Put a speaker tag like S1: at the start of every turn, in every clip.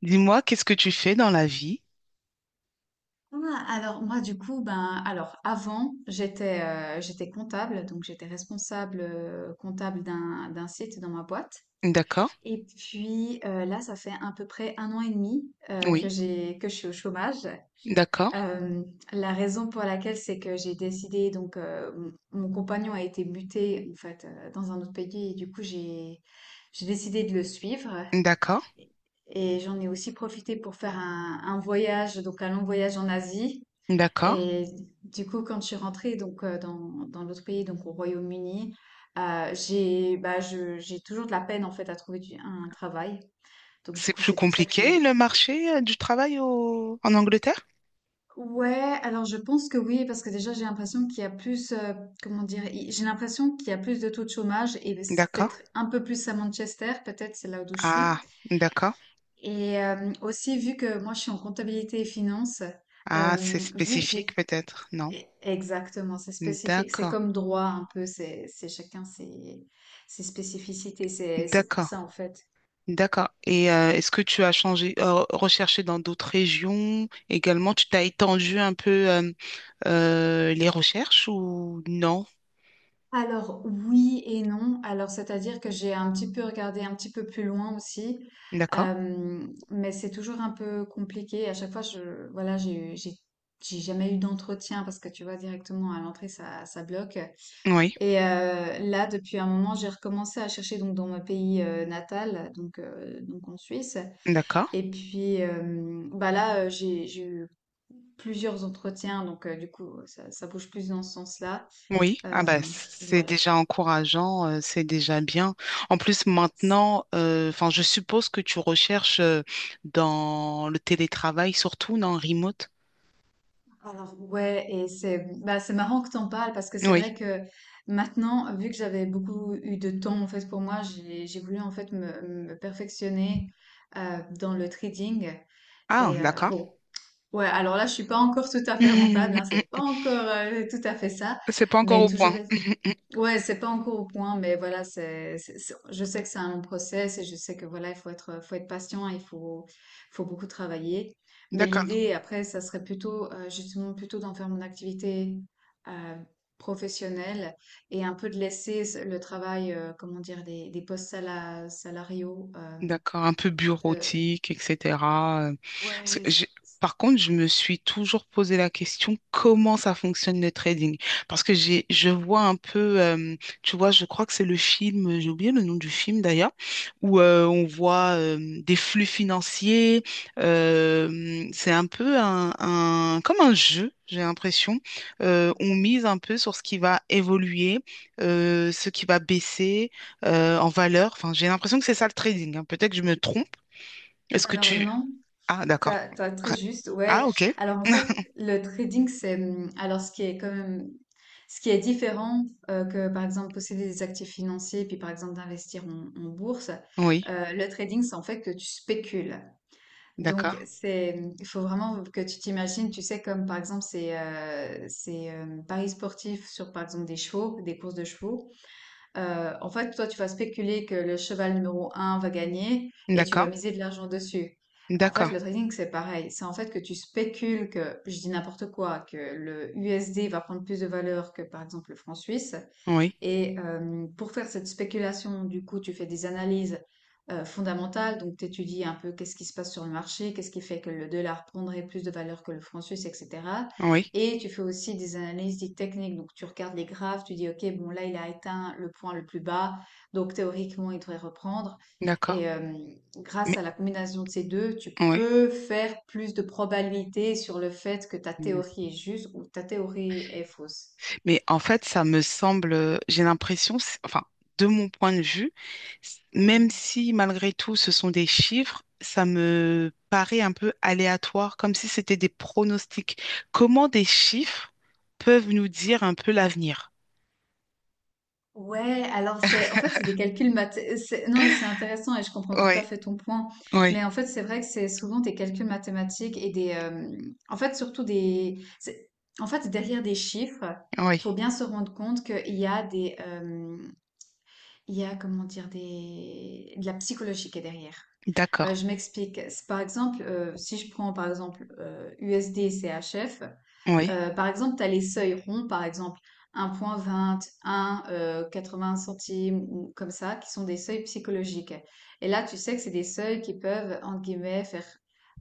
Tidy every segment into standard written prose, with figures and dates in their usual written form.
S1: Dis-moi, qu'est-ce que tu fais dans la vie?
S2: Ah, alors moi du coup ben alors avant j'étais comptable, donc j'étais responsable comptable d'un site dans ma boîte.
S1: D'accord,
S2: Et puis là ça fait à peu près 1 an et demi
S1: oui,
S2: que je suis au chômage.
S1: d'accord,
S2: Euh, la raison pour laquelle c'est que j'ai décidé, donc mon compagnon a été muté en fait dans un autre pays, et du coup j'ai décidé de le suivre.
S1: d'accord,
S2: Et j'en ai aussi profité pour faire un voyage, donc un long voyage en Asie.
S1: d'accord.
S2: Et du coup, quand je suis rentrée, donc dans l'autre pays, donc au Royaume-Uni, j'ai toujours de la peine en fait à trouver un travail. Donc du
S1: C'est
S2: coup,
S1: plus
S2: c'est pour ça que j'ai...
S1: compliqué le marché du travail en Angleterre?
S2: Ouais, alors je pense que oui, parce que déjà j'ai l'impression qu'il y a plus, comment dire, j'ai l'impression qu'il y a plus de taux de chômage, et c'est
S1: D'accord.
S2: peut-être un peu plus à Manchester, peut-être c'est là où je suis.
S1: Ah, d'accord.
S2: Et aussi vu que moi je suis en comptabilité et finance,
S1: Ah, c'est
S2: vu que
S1: spécifique
S2: j'ai
S1: peut-être,
S2: E-
S1: non?
S2: Exactement, c'est spécifique. C'est
S1: D'accord,
S2: comme droit un peu, c'est chacun ses spécificités. C'est pour
S1: d'accord,
S2: ça en fait.
S1: d'accord. Et est-ce que tu as changé, recherché dans d'autres régions également? Tu t'as étendu un peu les recherches ou non?
S2: Alors oui et non. Alors c'est-à-dire que j'ai un petit peu regardé un petit peu plus loin aussi.
S1: D'accord,
S2: Mais c'est toujours un peu compliqué. À chaque fois, je voilà, j'ai jamais eu d'entretien parce que tu vois directement à l'entrée ça bloque.
S1: oui,
S2: Et là, depuis un moment, j'ai recommencé à chercher, donc dans mon pays natal, donc en Suisse.
S1: d'accord.
S2: Et puis bah là, j'ai eu plusieurs entretiens, donc du coup, ça bouge plus dans ce sens-là.
S1: Oui, ah bah,
S2: Euh,
S1: c'est
S2: voilà.
S1: déjà encourageant, c'est déjà bien. En plus,
S2: C'est-
S1: maintenant, enfin, je suppose que tu recherches dans le télétravail, surtout dans remote.
S2: Ouais, et c'est marrant que t'en parles, parce que c'est vrai
S1: Oui.
S2: que maintenant, vu que j'avais beaucoup eu de temps en fait pour moi, j'ai voulu en fait me perfectionner dans le trading.
S1: Ah,
S2: Et
S1: d'accord.
S2: bon, ouais, alors là, je suis pas encore tout à fait rentable, hein, c'est pas encore tout à fait ça,
S1: C'est pas encore
S2: mais
S1: au
S2: toujours...
S1: point.
S2: Ouais, c'est pas encore au point, mais voilà, je sais que c'est un long process, et je sais que voilà, faut être patient, faut beaucoup travailler. Mais
S1: D'accord.
S2: l'idée, après, ça serait plutôt, justement, plutôt d'en faire mon activité euh, professionnelle, et un peu de laisser le travail, comment dire, des salariaux.
S1: D'accord, un peu
S2: Euh,
S1: bureautique, etc. euh, parce
S2: ouais,
S1: que j'ai- Par contre, je me suis toujours posé la question comment ça fonctionne le trading? Parce que je vois un peu, tu vois, je crois que c'est le film, j'ai oublié le nom du film d'ailleurs, où on voit des flux financiers. C'est un peu comme un jeu, j'ai l'impression. On mise un peu sur ce qui va évoluer, ce qui va baisser en valeur. Enfin, j'ai l'impression que c'est ça le trading, hein. Peut-être que je me trompe. Est-ce que
S2: alors
S1: tu.
S2: non.
S1: Ah, d'accord.
S2: T'as très
S1: Ah,
S2: juste,
S1: ah,
S2: ouais.
S1: ok.
S2: Alors en fait, le trading, c'est alors ce qui est quand même ce qui est différent, que par exemple posséder des actifs financiers, puis par exemple d'investir en bourse.
S1: Oui,
S2: Le trading, c'est en fait que tu spécules.
S1: d'accord.
S2: Donc il faut vraiment que tu t'imagines, tu sais, comme par exemple c'est paris sportifs sur par exemple des chevaux, des courses de chevaux. En fait, toi, tu vas spéculer que le cheval numéro 1 va gagner et tu vas
S1: D'accord.
S2: miser de l'argent dessus. En
S1: D'accord.
S2: fait, le trading, c'est pareil. C'est en fait que tu spécules que, je dis n'importe quoi, que le USD va prendre plus de valeur que, par exemple, le franc suisse.
S1: Oui.
S2: Et pour faire cette spéculation, du coup, tu fais des analyses fondamentales, donc tu étudies un peu qu'est-ce qui se passe sur le marché, qu'est-ce qui fait que le dollar prendrait plus de valeur que le franc suisse, etc.
S1: Oui.
S2: Et tu fais aussi des analyses dites techniques, donc tu regardes les graphes, tu dis, OK, bon, là, il a atteint le point le plus bas, donc théoriquement, il devrait reprendre.
S1: D'accord.
S2: Et grâce
S1: Mais,
S2: à la combinaison de ces deux, tu
S1: oui.
S2: peux faire plus de probabilité sur le fait que ta
S1: Mm.
S2: théorie est juste ou ta théorie est fausse.
S1: Mais en fait, ça me semble, j'ai l'impression, enfin, de mon point de vue, même si malgré tout ce sont des chiffres, ça me paraît un peu aléatoire, comme si c'était des pronostics. Comment des chiffres peuvent nous dire un peu l'avenir?
S2: Ouais, alors c'est en fait c'est des calculs math, non mais c'est intéressant et je comprends tout à
S1: Oui,
S2: fait ton point. Mais
S1: oui.
S2: en fait c'est vrai que c'est souvent des calculs mathématiques et des en fait surtout en fait derrière des chiffres, faut
S1: Oui,
S2: bien se rendre compte qu'il y a des il y a, comment dire, des de la psychologie qui est derrière.
S1: d'accord.
S2: Je m'explique. C'est Par exemple, si je prends par exemple USD et CHF,
S1: Oui,
S2: par exemple, tu as les seuils ronds, par exemple 1,20, un 20 centimes, ou comme ça, qui sont des seuils psychologiques. Et là, tu sais que c'est des seuils qui peuvent, entre guillemets,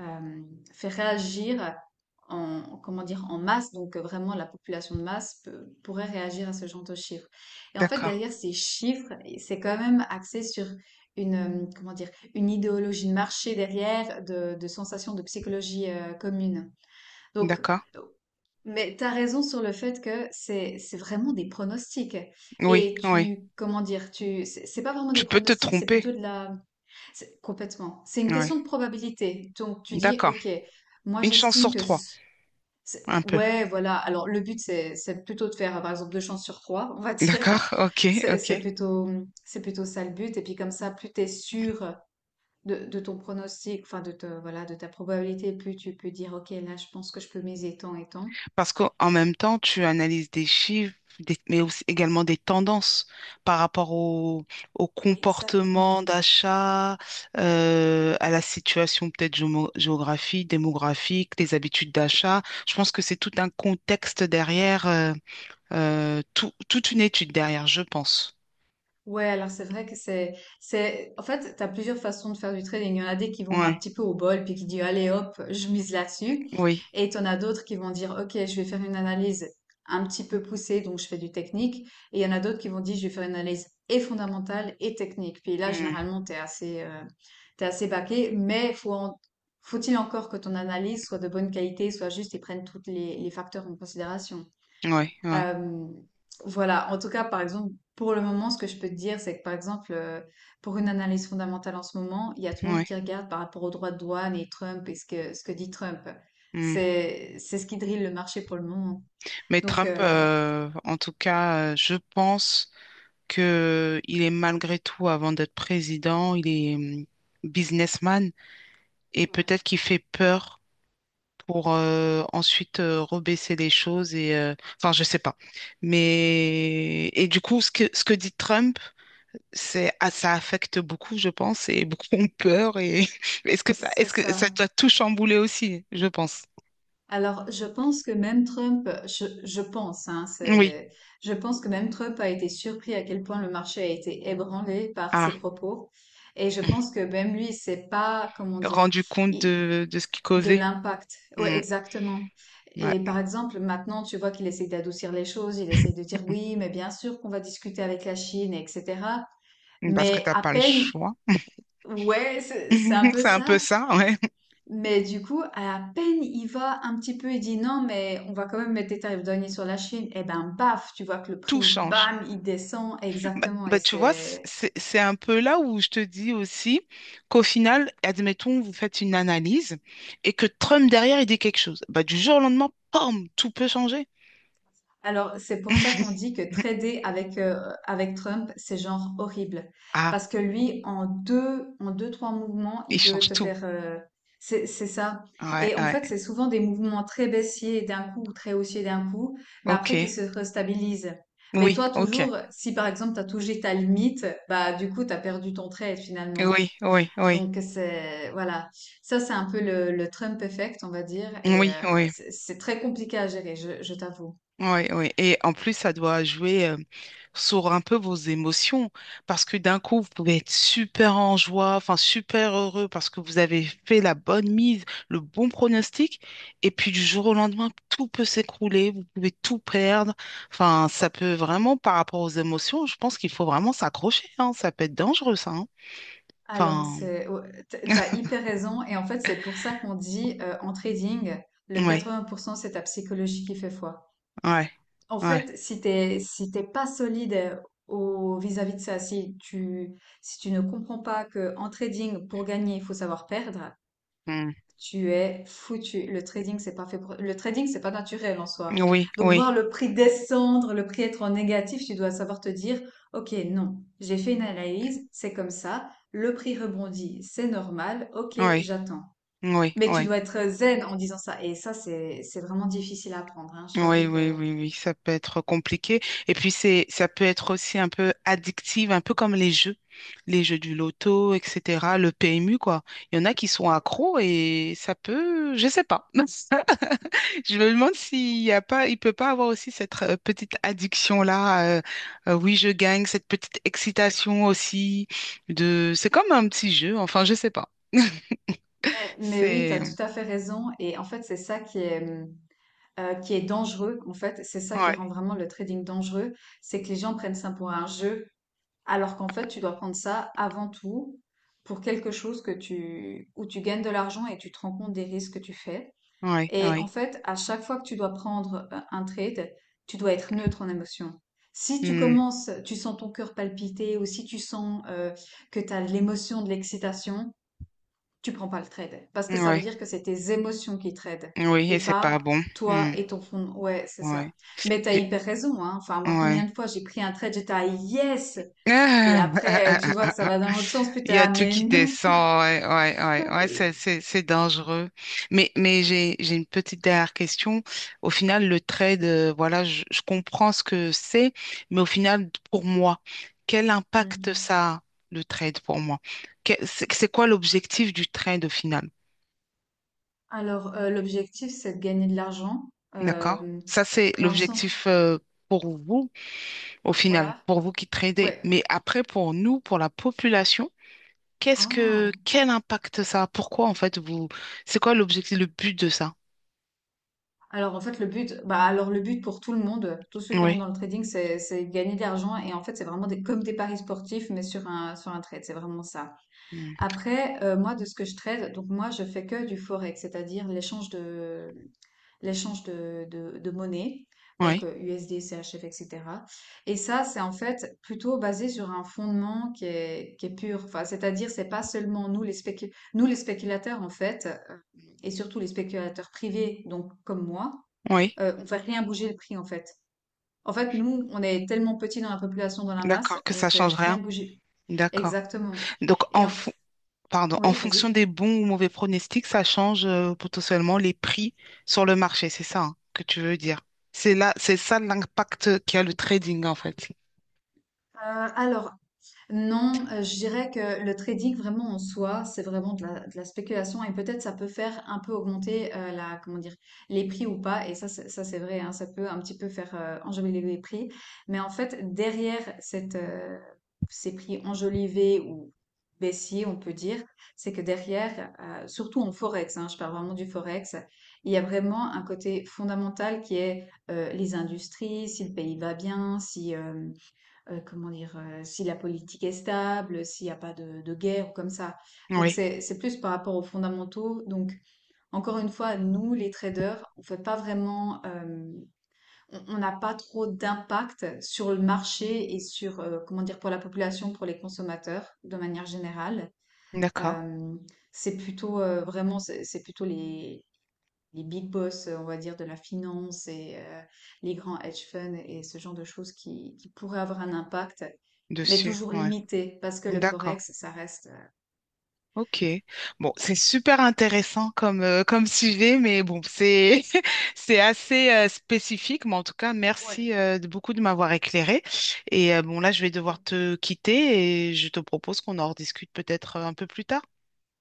S2: euh, faire réagir comment dire, en masse. Donc, vraiment, la population de masse pourrait réagir à ce genre de chiffres. Et en fait,
S1: d'accord.
S2: derrière ces chiffres, c'est quand même axé sur comment dire, une idéologie de marché derrière, de sensations de psychologie commune. Donc,
S1: D'accord.
S2: mais t'as raison sur le fait que c'est vraiment des pronostics.
S1: Oui,
S2: Et
S1: oui.
S2: comment dire, c'est pas vraiment des
S1: Tu peux te
S2: pronostics, c'est
S1: tromper.
S2: plutôt complètement. C'est une
S1: Oui,
S2: question de probabilité. Donc tu dis,
S1: d'accord.
S2: ok, moi
S1: Une chance
S2: j'estime
S1: sur
S2: que,
S1: trois, un peu.
S2: ouais, voilà. Alors le but c'est plutôt de faire, par exemple, deux chances sur trois, on va dire.
S1: D'accord, ok,
S2: C'est
S1: ok.
S2: c'est plutôt c'est plutôt ça le but. Et puis comme ça, plus t'es sûr de ton pronostic, enfin voilà, de ta probabilité, plus tu peux dire, ok, là je pense que je peux miser tant et tant.
S1: Parce qu'en même temps, tu analyses des chiffres, mais aussi également des tendances par rapport au comportement
S2: Exactement.
S1: d'achat, à la situation peut-être géographique, démographique, les habitudes d'achat. Je pense que c'est tout un contexte derrière, toute une étude derrière, je pense.
S2: Ouais, alors c'est vrai que en fait, t'as plusieurs façons de faire du trading. Il y en a des qui vont un
S1: Ouais,
S2: petit peu au bol, puis qui disent, allez hop, je mise là-dessus.
S1: oui,
S2: Et t'en as d'autres qui vont dire, ok, je vais faire une analyse un petit peu poussée, donc je fais du technique. Et il y en a d'autres qui vont dire, je vais faire une analyse et fondamentale et technique. Puis là,
S1: hmm.
S2: généralement, t'es assez baqué, mais faut-il encore que ton analyse soit de bonne qualité, soit juste et prenne tous les facteurs en considération.
S1: Ouais, ouais,
S2: Euh, voilà, en tout cas, par exemple, pour le moment, ce que je peux te dire, c'est que par exemple, pour une analyse fondamentale en ce moment, il y a tout le monde qui
S1: ouais.
S2: regarde par rapport aux droits de douane et Trump et ce que dit Trump.
S1: Hmm.
S2: C'est ce qui drille le marché pour le moment.
S1: Mais
S2: Donc,
S1: Trump, en tout cas, je pense que il est malgré tout, avant d'être président, il est businessman et
S2: ouais.
S1: peut-être qu'il fait peur pour ensuite rebaisser les choses et, enfin, je sais pas. Mais et du coup, ce que dit Trump, c'est ah, ça affecte beaucoup, je pense, et beaucoup ont peur. Et est-ce que ça,
S2: C'est
S1: est-ce que
S2: ça.
S1: ça t'a tout chamboulé aussi, je pense.
S2: Alors, je pense que même Trump, je pense, hein,
S1: Oui.
S2: je pense que même Trump a été surpris à quel point le marché a été ébranlé par ses
S1: Ah.
S2: propos. Et je pense que même lui, c'est pas, comment dire.
S1: Rendu compte de ce qui
S2: De
S1: causait.
S2: l'impact. Ouais,
S1: Mm,
S2: exactement. Et
S1: ouais.
S2: par exemple, maintenant, tu vois qu'il essaie d'adoucir les choses, il essaie de dire oui, mais bien sûr qu'on va discuter avec la Chine, etc.
S1: Parce que
S2: Mais
S1: t'as
S2: à
S1: pas le
S2: peine,
S1: choix.
S2: ouais, c'est un peu
S1: C'est un
S2: ça.
S1: peu ça, ouais.
S2: Mais du coup, à peine il va un petit peu, il dit non, mais on va quand même mettre des tarifs douaniers sur la Chine. Et ben, baf, tu vois que le
S1: Tout
S2: prix,
S1: change.
S2: bam, il descend.
S1: Bah,
S2: Exactement. Et
S1: bah, tu vois,
S2: c'est...
S1: c'est un peu là où je te dis aussi qu'au final, admettons, vous faites une analyse et que Trump derrière, il dit quelque chose. Bah, du jour au lendemain, pom, tout peut changer.
S2: Alors, c'est pour ça qu'on dit que trader avec Trump, c'est genre horrible.
S1: Ah,
S2: Parce que lui, en deux, trois mouvements, il
S1: il
S2: peut
S1: change
S2: te
S1: tout.
S2: faire... c'est ça.
S1: Ouais,
S2: Et en
S1: ouais.
S2: fait, c'est souvent des mouvements très baissiers d'un coup ou très haussiers d'un coup, mais
S1: Ok.
S2: après qui se restabilisent. Mais
S1: Oui,
S2: toi,
S1: ok.
S2: toujours, si par exemple, tu as touché ta limite, bah du coup, tu as perdu ton trade finalement.
S1: Oui, oui, oui.
S2: Donc, c'est... Voilà. Ça, c'est un peu le Trump effect, on va dire. Et
S1: Oui, oui.
S2: c'est très compliqué à gérer, je t'avoue.
S1: Oui, oui. Et en plus, ça doit jouer sur un peu vos émotions. Parce que d'un coup, vous pouvez être super en joie, enfin super heureux parce que vous avez fait la bonne mise, le bon pronostic. Et puis du jour au lendemain, tout peut s'écrouler, vous pouvez tout perdre. Enfin, ça peut vraiment, par rapport aux émotions, je pense qu'il faut vraiment s'accrocher, hein. Ça peut être dangereux, ça, hein.
S2: Alors,
S1: Enfin,
S2: ouais, t'as hyper raison. Et en fait, c'est pour ça qu'on dit en trading, le
S1: oui,
S2: 80%, c'est ta psychologie qui fait foi.
S1: ouais,
S2: En
S1: ouais.
S2: fait, si t'es pas solide, vis-à-vis de ça, si tu ne comprends pas que en trading, pour gagner, il faut savoir perdre,
S1: Ouais.
S2: tu es foutu. Le trading, c'est pas naturel en soi.
S1: Mm. Oui,
S2: Donc, voir
S1: oui,
S2: le prix descendre, le prix être en négatif, tu dois savoir te dire, OK, non, j'ai fait une analyse, c'est comme ça, le prix rebondit, c'est normal, OK,
S1: oui,
S2: j'attends.
S1: oui,
S2: Mais tu
S1: oui.
S2: dois être zen en disant ça. Et ça, c'est vraiment difficile à apprendre, hein. Je t'avoue
S1: Oui,
S2: que...
S1: oui,
S2: Ouais.
S1: oui, oui, ça peut être compliqué. Et puis ça peut être aussi un peu addictive, un peu comme les jeux du loto, etc. Le PMU, quoi. Il y en a qui sont accros et ça peut, je sais pas. Je me demande s'il y a pas, il peut pas avoir aussi cette petite addiction-là. Oui, je gagne, cette petite excitation aussi c'est comme un petit jeu. Enfin, je sais pas.
S2: Mais oui, tu as
S1: C'est,
S2: tout à fait raison. Et en fait, c'est ça qui est dangereux. En fait, c'est ça qui
S1: ouais,
S2: rend vraiment le trading dangereux. C'est que les gens prennent ça pour un jeu. Alors qu'en fait, tu dois prendre ça avant tout pour quelque chose que où tu gagnes de l'argent, et tu te rends compte des risques que tu fais.
S1: ouais,
S2: Et en
S1: ouais,
S2: fait, à chaque fois que tu dois prendre un trade, tu dois être neutre en émotion. Si tu
S1: hmm,
S2: commences, tu sens ton cœur palpiter, ou si tu sens que tu as l'émotion de l'excitation, tu prends pas le trade. Parce que ça veut
S1: ouais,
S2: dire que c'est tes émotions qui tradent
S1: oui, et
S2: et
S1: c'est pas
S2: pas
S1: bon.
S2: toi
S1: Hmm,
S2: et ton fond. Ouais, c'est ça.
S1: ouais.
S2: Mais t'as hyper raison, hein. Enfin, moi,
S1: Ouais.
S2: combien de fois j'ai pris un trade, j'étais à yes! Et après, tu vois que ça va dans l'autre sens, puis
S1: Il
S2: t'es
S1: y a
S2: là,
S1: tout
S2: mais
S1: qui
S2: non.
S1: descend, ouais, ouais, ouais, ouais, c'est,
S2: Euh,
S1: c'est, c'est dangereux. Mais j'ai une petite dernière question. Au final, le trade, voilà, je comprends ce que c'est, mais au final, pour moi, quel impact
S2: Mhm.
S1: ça a, le trade, pour moi? C'est quoi l'objectif du trade, au final?
S2: Alors, l'objectif, c'est de gagner de l'argent,
S1: D'accord?
S2: euh,
S1: Ça, c'est
S2: dans le sens,
S1: l'objectif, pour vous, au final,
S2: voilà,
S1: pour vous qui tradez.
S2: ouais.
S1: Mais après, pour nous, pour la population, Qu'est-ce
S2: Ah.
S1: que quel impact ça a? Pourquoi en fait vous c'est quoi l'objectif, le but de ça?
S2: Alors, en fait, le but, bah, alors le but pour tout le monde, tous ceux qui rentrent
S1: Oui.
S2: dans le trading, c'est de gagner de l'argent. Et en fait, c'est vraiment comme des paris sportifs, mais sur un trade. C'est vraiment ça.
S1: Mm.
S2: Après, moi, de ce que je trade, donc moi, je fais que du forex, c'est-à-dire l'échange de monnaie, donc
S1: Oui,
S2: USD, CHF, etc. Et cetera. Et ça, c'est en fait plutôt basé sur un fondement qui est pur. Enfin, c'est-à-dire, c'est pas seulement nous, les spéculateurs, en fait, et surtout les spéculateurs privés, donc comme moi,
S1: oui.
S2: on fait rien bouger le prix, en fait. En fait, nous, on est tellement petits dans la population, dans la masse,
S1: D'accord, que
S2: on
S1: ça
S2: fait
S1: change
S2: rien
S1: rien.
S2: bouger.
S1: D'accord.
S2: Exactement.
S1: Donc
S2: Et en f-
S1: pardon, en
S2: oui,
S1: fonction
S2: vas-y.
S1: des bons ou mauvais pronostics, ça change potentiellement les prix sur le marché, c'est ça hein, que tu veux dire. C'est là, c'est ça l'impact qu'a le trading en fait.
S2: Euh, alors, Non, je dirais que le trading vraiment en soi, c'est vraiment de la spéculation, et peut-être ça peut faire un peu augmenter, la, comment dire, les prix ou pas. Et ça, ça c'est vrai, hein, ça peut un petit peu faire enjoliver les prix. Mais en fait, ces prix enjolivés ou baissiers, on peut dire, c'est que derrière, surtout en forex, hein, je parle vraiment du forex, il y a vraiment un côté fondamental qui est, les industries, si le pays va bien, si comment dire, si la politique est stable, s'il n'y a pas de guerre ou comme ça. Donc
S1: Oui,
S2: c'est plus par rapport aux fondamentaux. Donc encore une fois, nous les traders, on n'a pas trop d'impact sur le marché et sur, comment dire, pour la population, pour les consommateurs de manière générale.
S1: d'accord,
S2: Euh, c'est plutôt, vraiment c'est plutôt les big boss, on va dire, de la finance, et les grands hedge funds et ce genre de choses qui pourraient avoir un impact, mais
S1: dessus,
S2: toujours
S1: ouais,
S2: limité, parce que le
S1: d'accord.
S2: forex, ça reste...
S1: Ok, bon, c'est super intéressant comme sujet, mais bon, c'est c'est assez spécifique, mais en tout cas, merci
S2: Ouais.
S1: de beaucoup de m'avoir éclairé. Et bon, là, je vais devoir te quitter et je te propose qu'on en rediscute peut-être un peu plus tard,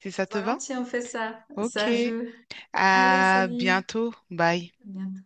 S1: si ça te va.
S2: Volontiers, on fait ça.
S1: Ok,
S2: Ça joue. Allez,
S1: à
S2: salut.
S1: bientôt, bye.
S2: À bientôt.